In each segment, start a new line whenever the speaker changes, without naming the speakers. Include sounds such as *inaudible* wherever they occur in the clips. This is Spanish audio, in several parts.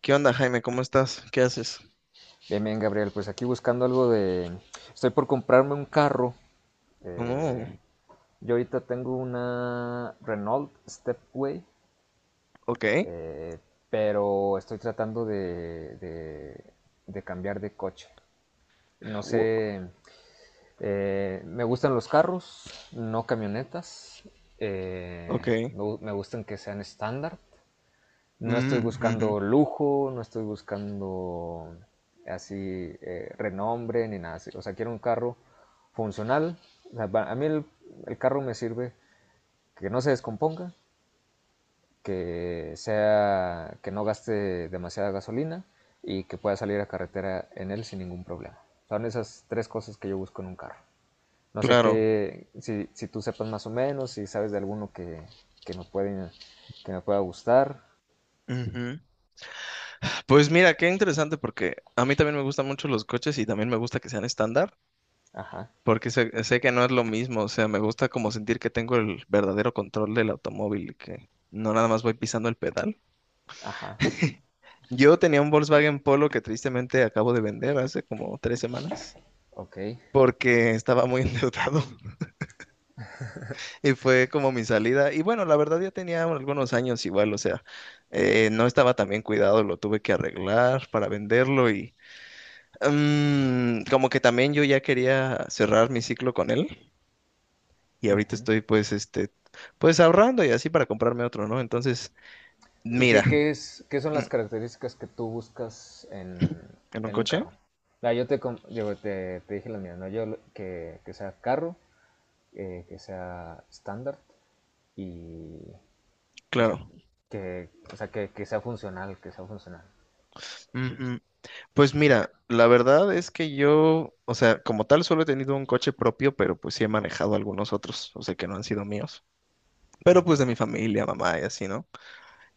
¿Qué onda, Jaime? ¿Cómo estás? ¿Qué haces?
Bien, bien, Gabriel, pues aquí buscando algo de. Estoy por comprarme un carro.
Oh,
eh, yo ahorita tengo una Renault Stepway.
ok.
eh, pero estoy tratando de cambiar de coche. No
wo-
sé, me gustan los carros, no camionetas.
ok.
Me gustan que sean estándar. No estoy
Mm, ujú.
buscando lujo, no estoy buscando así renombre ni nada así. O sea, quiero un carro funcional. O sea, a mí el carro me sirve que no se descomponga, que no gaste demasiada gasolina y que pueda salir a carretera en él sin ningún problema. Son esas tres cosas que yo busco en un carro. No sé
Claro.
qué, si tú sepas más o menos, si sabes de alguno que me puede, que me pueda gustar.
Ujú. Pues mira, qué interesante porque a mí también me gustan mucho los coches y también me gusta que sean estándar,
Ajá,
porque sé que no es lo mismo, o sea, me gusta como sentir que tengo el verdadero control del automóvil y que no nada más voy pisando el pedal.
ajá.
*laughs* Yo tenía un Volkswagen Polo que tristemente acabo de vender hace como 3 semanas
Ok.
porque estaba muy *laughs* endeudado. Y fue como mi salida. Y bueno, la verdad ya tenía algunos años igual, o sea, no estaba tan bien cuidado, lo tuve que arreglar para venderlo y como que también yo ya quería cerrar mi ciclo con él y ahorita
Ujú.
estoy pues este, pues ahorrando y así para comprarme otro, ¿no? Entonces,
¿Y
mira,
qué es, qué son
mm,
las características que tú buscas
¿en un
en un
coche?
carro? Ah, te dije la mía, ¿no? Que sea carro, que sea estándar y, o sea,
Claro.
que sea funcional, que sea funcional.
Mm, mm. Pues mira, la verdad es que yo, o sea, como tal solo he tenido un coche propio, pero pues sí he manejado algunos otros, o sea, que no han sido míos. Pero pues de
Ujú.
mi familia, mamá y así, ¿no?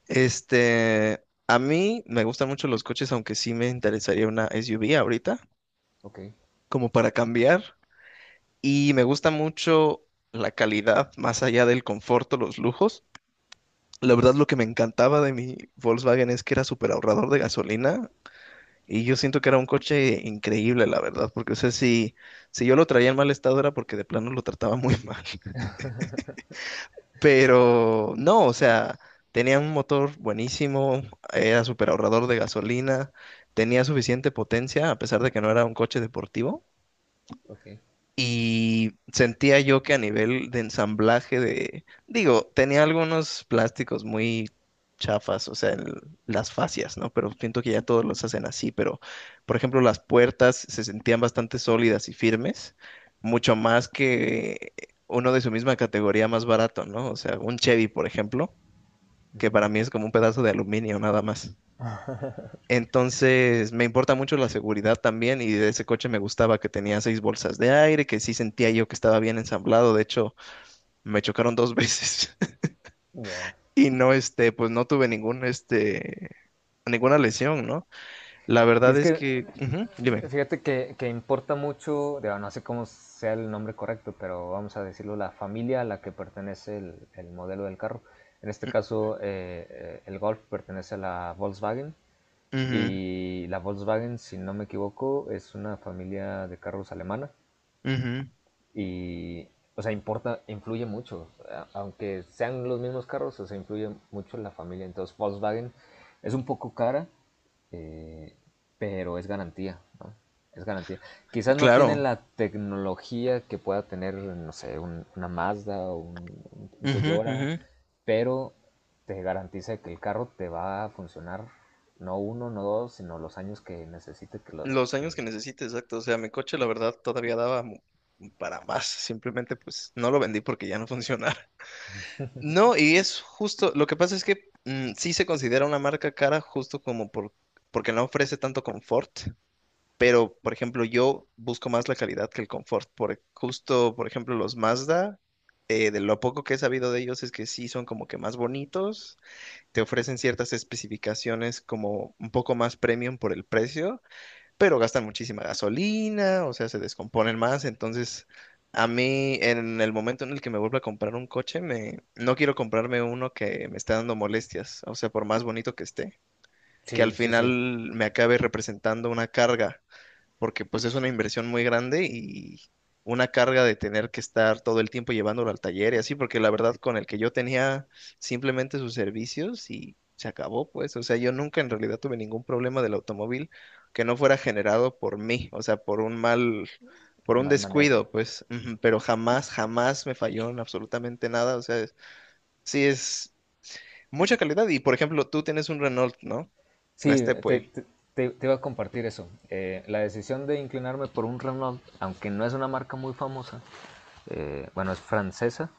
Este, a mí me gustan mucho los coches, aunque sí me interesaría una SUV ahorita,
Ok,
como para cambiar. Y me gusta mucho la calidad, más allá del confort o los lujos. La verdad, lo que me encantaba de mi Volkswagen es que era súper ahorrador de gasolina. Y yo siento que era un coche increíble, la verdad, porque, o sea, si yo lo traía en mal estado era porque de plano lo trataba muy *laughs* mal. Pero no, o sea, tenía un motor buenísimo, era súper ahorrador de gasolina, tenía suficiente potencia, a pesar de que no era un coche deportivo.
ok,
Y sentía yo que a nivel de ensamblaje de, digo, tenía algunos plásticos muy chafas, o sea, las fascias, ¿no? Pero siento que ya todos los hacen así, pero, por ejemplo, las puertas se sentían bastante sólidas y firmes, mucho más que uno de su misma categoría más barato, ¿no? O sea, un Chevy, por ejemplo, que para mí es como un pedazo de aluminio nada más. Entonces, me importa mucho la seguridad también y de ese coche me gustaba que tenía seis bolsas de aire, que sí sentía yo que estaba bien ensamblado. De hecho, me chocaron dos *laughs* veces
ya.
y no, este, pues no tuve ningún, este, ninguna lesión, ¿no? La
Y
verdad
es
es
que
que, ujú, dime.
fíjate que importa mucho, digo, no sé cómo sea el nombre correcto, pero vamos a decirlo, la familia a la que pertenece el modelo del carro. En este caso, el Golf pertenece a la Volkswagen
Ujú,
y la Volkswagen, si no me equivoco, es una familia de carros alemana.
ujú.
Y, o sea, importa, influye mucho. Aunque sean los mismos carros, o sea, influye mucho la familia. Entonces, Volkswagen es un poco cara, eh, pero es garantía, ¿no? Es garantía. Quizás no tienen
Claro.
la tecnología que pueda tener, no sé, una Mazda o un
Ujú,
Toyota,
ujú.
pero te garantiza que el carro te va a funcionar no uno, no dos, sino los años que necesite que lo.
Los años que
Que.
necesite, exacto. O sea, mi coche, la verdad, todavía daba para más. Simplemente, pues, no lo vendí porque ya no *laughs* funcionaba. No, y es justo, lo que pasa es que sí se considera una marca cara justo como por, porque no ofrece tanto confort, pero por ejemplo yo busco más la calidad que el confort, por, justo por ejemplo los Mazda, de lo poco que he sabido de ellos es que sí son como que más bonitos, te ofrecen ciertas especificaciones como un poco más premium por el precio, pero gastan muchísima gasolina, o sea, se descomponen más, entonces a mí en el momento en el que me vuelva a comprar un coche, me no quiero comprarme uno que me esté dando molestias, o sea, por más bonito que esté, que al
Sí, sí,
final
sí,
me acabe representando una carga porque pues es una inversión muy grande y una carga de tener que estar todo el tiempo llevándolo al taller y así, porque la verdad con el que yo tenía simplemente sus servicios y se acabó, pues, o sea, yo nunca en realidad tuve ningún problema del automóvil que no fuera generado por mí, o sea, por un mal, por un
mal manejo.
descuido, pues, ujú, pero jamás, jamás me falló en absolutamente nada, o sea, sí es mucha calidad y, por ejemplo, tú tienes un Renault, ¿no? La
Sí,
Stepway.
te iba a compartir eso. La decisión de inclinarme por un Renault, aunque no es una marca muy famosa, bueno, es francesa,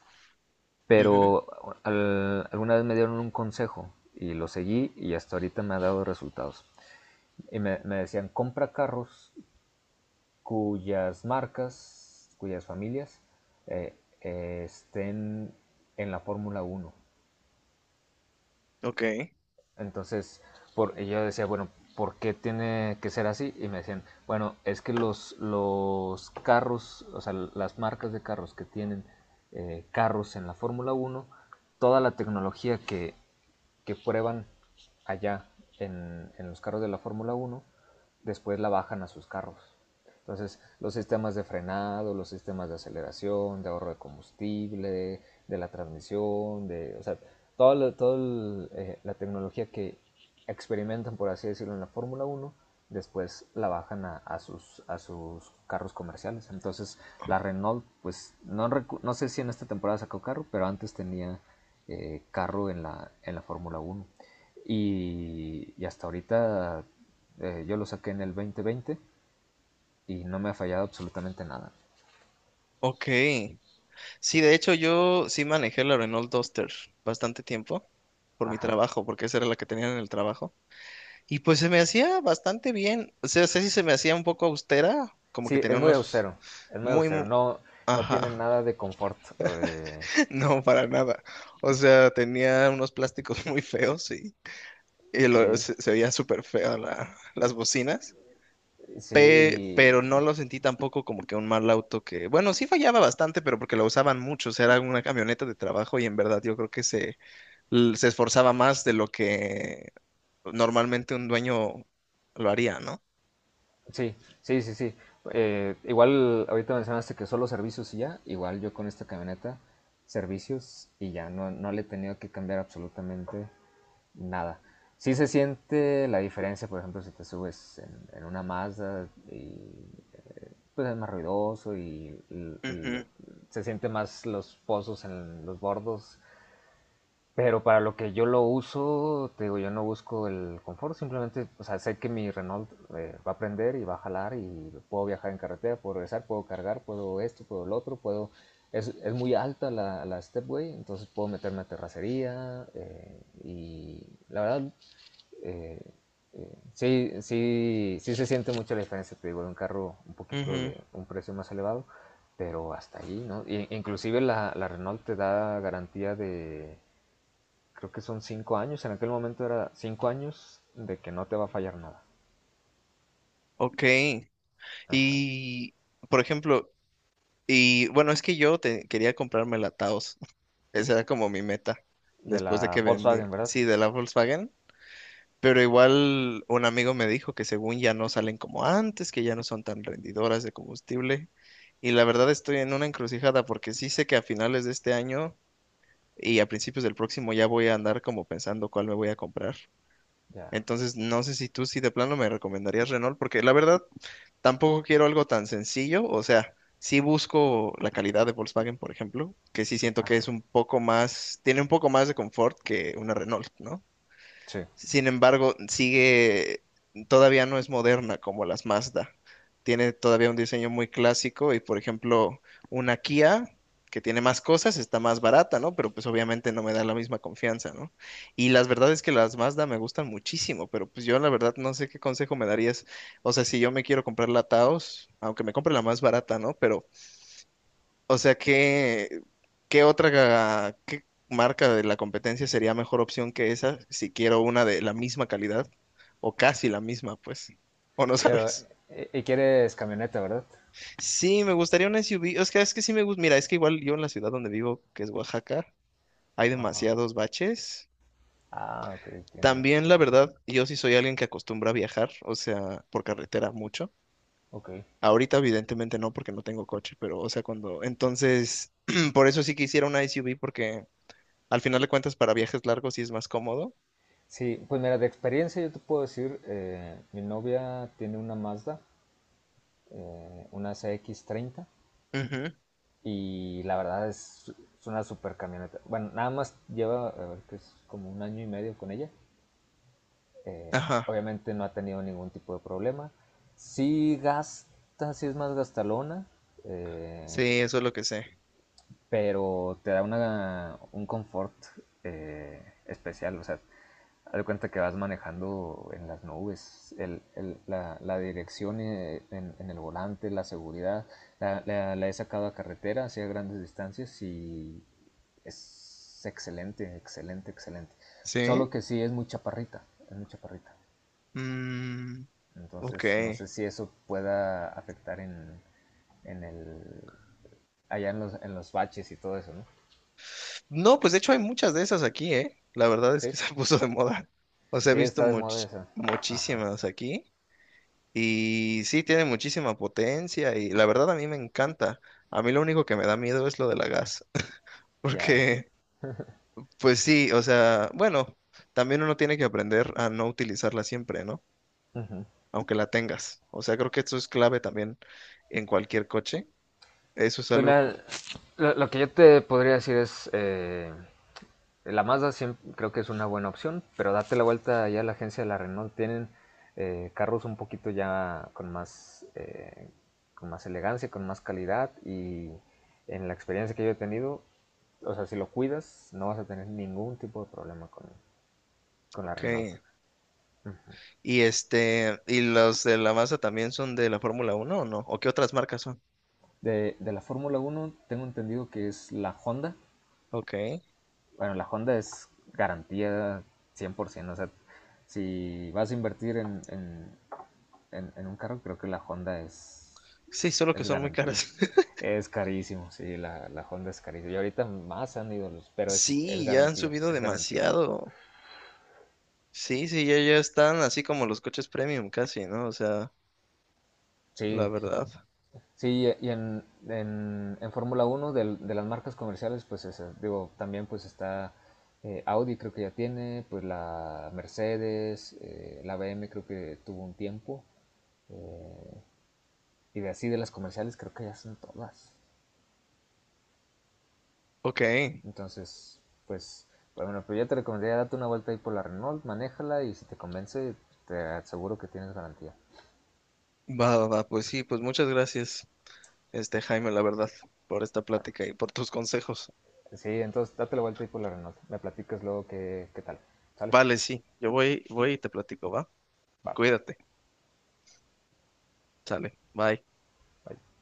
Ujú.
pero alguna vez me dieron un consejo y lo seguí y hasta ahorita me ha dado resultados. Y me decían, compra carros cuyas marcas, cuyas familias estén en la Fórmula 1.
Ok,
Entonces, yo decía, bueno, ¿por qué tiene que ser así? Y me decían, bueno, es que los carros, o sea, las marcas de carros que tienen carros en la Fórmula 1, toda la tecnología que prueban allá en los carros de la Fórmula 1 después la bajan a sus carros. Entonces, los sistemas de frenado, los sistemas de aceleración, de ahorro de combustible, de la transmisión, o sea, toda todo la tecnología que experimentan, por así decirlo, en la Fórmula 1 después la bajan a sus carros comerciales. Entonces, la Renault, pues, no sé si en esta temporada sacó carro, pero antes tenía carro en la Fórmula 1. Y hasta ahorita yo lo saqué en el 2020 y no me ha fallado absolutamente nada.
ok. Sí, de hecho yo sí manejé la Renault Duster bastante tiempo por mi
Ajá.
trabajo, porque esa era la que tenía en el trabajo. Y pues se me hacía bastante bien. O sea, sé si se me hacía un poco austera, como que
Sí, es
tenía
muy
unos
austero. Es muy
muy.
austero. No, no tiene
Ajá.
nada de confort. eh,
*laughs* No, para nada. O sea, tenía unos plásticos *laughs* muy feos y
sí,
se veía súper feo las bocinas. Pe-
sí,
pero no lo sentí tampoco como que un mal auto que, bueno, sí fallaba bastante, pero porque lo usaban mucho, o sea, era una camioneta de trabajo y en verdad yo creo que se esforzaba más de lo que normalmente un dueño lo haría, ¿no?
sí, sí, sí, sí. Igual ahorita mencionaste que solo servicios y ya. Igual yo con esta camioneta, servicios y ya. No, no le he tenido que cambiar absolutamente nada. Sí se siente la diferencia, por ejemplo, si te subes en una Mazda y pues es más ruidoso
Ujú.
se siente más los pozos en los bordos. Pero para lo que yo lo uso, te digo, yo no busco el confort, simplemente, o sea, sé que mi Renault va a prender y va a jalar y puedo viajar en carretera, puedo regresar, puedo cargar, puedo esto, puedo lo otro, puedo. Es muy alta la stepway, entonces puedo meterme a terracería y la verdad, eh, sí, sí, sí se siente mucho la diferencia, te digo, de un carro un poquito
Ujú.
de un precio más elevado, pero hasta ahí, ¿no? Inclusive la Renault te da garantía de, creo que son 5 años, en aquel momento era 5 años de que no te va a fallar nada.
Ok.
Ajá.
Y, por ejemplo, y bueno, es que yo quería comprarme la Taos. *laughs* Esa era como mi meta
De
después de
la
que vendí,
Volkswagen, ¿verdad?
sí, de la Volkswagen. Pero igual un amigo me dijo que según ya no salen como antes, que ya no son tan rendidoras de combustible. Y la verdad estoy en una encrucijada porque sí sé que a finales de este año y a principios del próximo ya voy a andar como pensando cuál me voy a comprar.
Ya.
Entonces, no sé si tú sí de plano me recomendarías Renault, porque la verdad tampoco quiero algo tan sencillo, o sea, sí busco la calidad de Volkswagen, por ejemplo, que sí siento que es
Ajá.
un poco más, tiene un poco más de confort que una Renault, ¿no?
Sí.
Sin embargo, sigue, todavía no es moderna como las Mazda. Tiene todavía un diseño muy clásico y, por ejemplo, una Kia que tiene más cosas está más barata, ¿no? Pero pues obviamente no me da la misma confianza, ¿no? Y las verdad es que las Mazda me gustan muchísimo, pero pues yo la verdad no sé qué consejo me darías. O sea, si yo me quiero comprar la Taos, aunque me compre la más barata, ¿no? Pero o sea, ¿qué, qué otra qué marca de la competencia sería mejor opción que esa si quiero una de la misma calidad o casi la misma, pues? ¿O no
Pero,
sabes?
¿y quieres camioneta, verdad?
Sí, me gustaría una SUV. Es que sí me gusta. Mira, es que igual yo en la ciudad donde vivo, que es Oaxaca, hay
Ajá.
demasiados baches.
Ah, ok, tiene mucho
También,
que
la
dar.
verdad, yo sí soy alguien que acostumbra a viajar, o sea, por carretera mucho.
Ok.
Ahorita, evidentemente, no, porque no tengo coche, pero, o sea, cuando. Entonces, *clears throat* por eso sí quisiera una SUV, porque al final de cuentas, para viajes largos sí es más cómodo.
Sí, pues mira, de experiencia yo te puedo decir, mi novia tiene una Mazda, una CX-30,
Ujú.
y la verdad es una super camioneta. Bueno, nada más lleva, a ver, que es como un año y medio con ella. Eh,
Ajá,
Obviamente no ha tenido ningún tipo de problema. Sí gasta, sí es más gastalona,
sí,
eh,
eso es lo que sé.
pero te da una, un confort especial. O sea, haz de cuenta que vas manejando en las nubes, la dirección, en el volante, la seguridad. La he sacado a carretera, hacia grandes distancias, y es excelente, excelente, excelente.
¿Sí?
Solo que sí es muy chaparrita, es muy chaparrita.
Mm, ok.
Entonces no sé si eso pueda afectar en el, allá en los baches y todo eso, ¿no?
No, pues de hecho hay muchas de esas aquí, ¿eh? La verdad es que
Sí,
se *laughs* puso de moda. O sea, he
sí,
visto
está de moda esa. Ajá,
muchísimas aquí y sí, tiene muchísima potencia y la verdad a mí me encanta. A mí lo único que me da miedo es lo de la gas, *laughs*
ya.
porque pues sí, o sea, bueno, también uno tiene que aprender a no utilizarla siempre, ¿no?
Ujú.
Aunque la tengas. O sea, creo que eso es clave también en cualquier coche. Eso es
Pues
algo
mira, lo que yo te podría decir es, la Mazda siempre, creo que es una buena opción, pero date la vuelta ya a la agencia de la Renault. Tienen carros un poquito ya con más elegancia, con más calidad y en la experiencia que yo he tenido, o sea, si lo cuidas, no vas a tener ningún tipo de problema con la Renault.
ok. Y este, ¿y los de la masa también son de la Fórmula Uno o no? ¿O qué otras marcas son?
De la Fórmula 1 tengo entendido que es la Honda.
Ok.
Bueno, la Honda es garantía 100%. O sea, si vas a invertir en un carro, creo que la Honda
Sí, solo que
es
son muy
garantía.
caras. *laughs*
Es carísimo, sí, la Honda es carísima. Y ahorita más han ido los, pero es
Sí, ya han
garantía,
subido
es garantía.
demasiado. Sí, sí, ya, ya están así como los coches premium casi, ¿no? O sea, la
Sí,
verdad.
sí, y en Fórmula 1, de las marcas comerciales, pues esas, digo, también pues está Audi, creo que ya tiene, pues la Mercedes, la B M creo que tuvo un tiempo, eh, y de así de las comerciales creo que ya son todas.
Ok,
Entonces, pues, bueno, pero yo te recomendaría darte una vuelta ahí por la Renault, manéjala y si te convence, te aseguro que tienes garantía.
va, va, va, pues sí, pues muchas gracias, este Jaime, la verdad, por esta plática y por tus consejos.
Sí, entonces date la vuelta ahí por la Renault, me platicas luego qué tal. ¿Sale?
Vale, sí, yo voy, voy y te platico, ¿va?
Va,
Cuídate. Sale. Bye.
bye.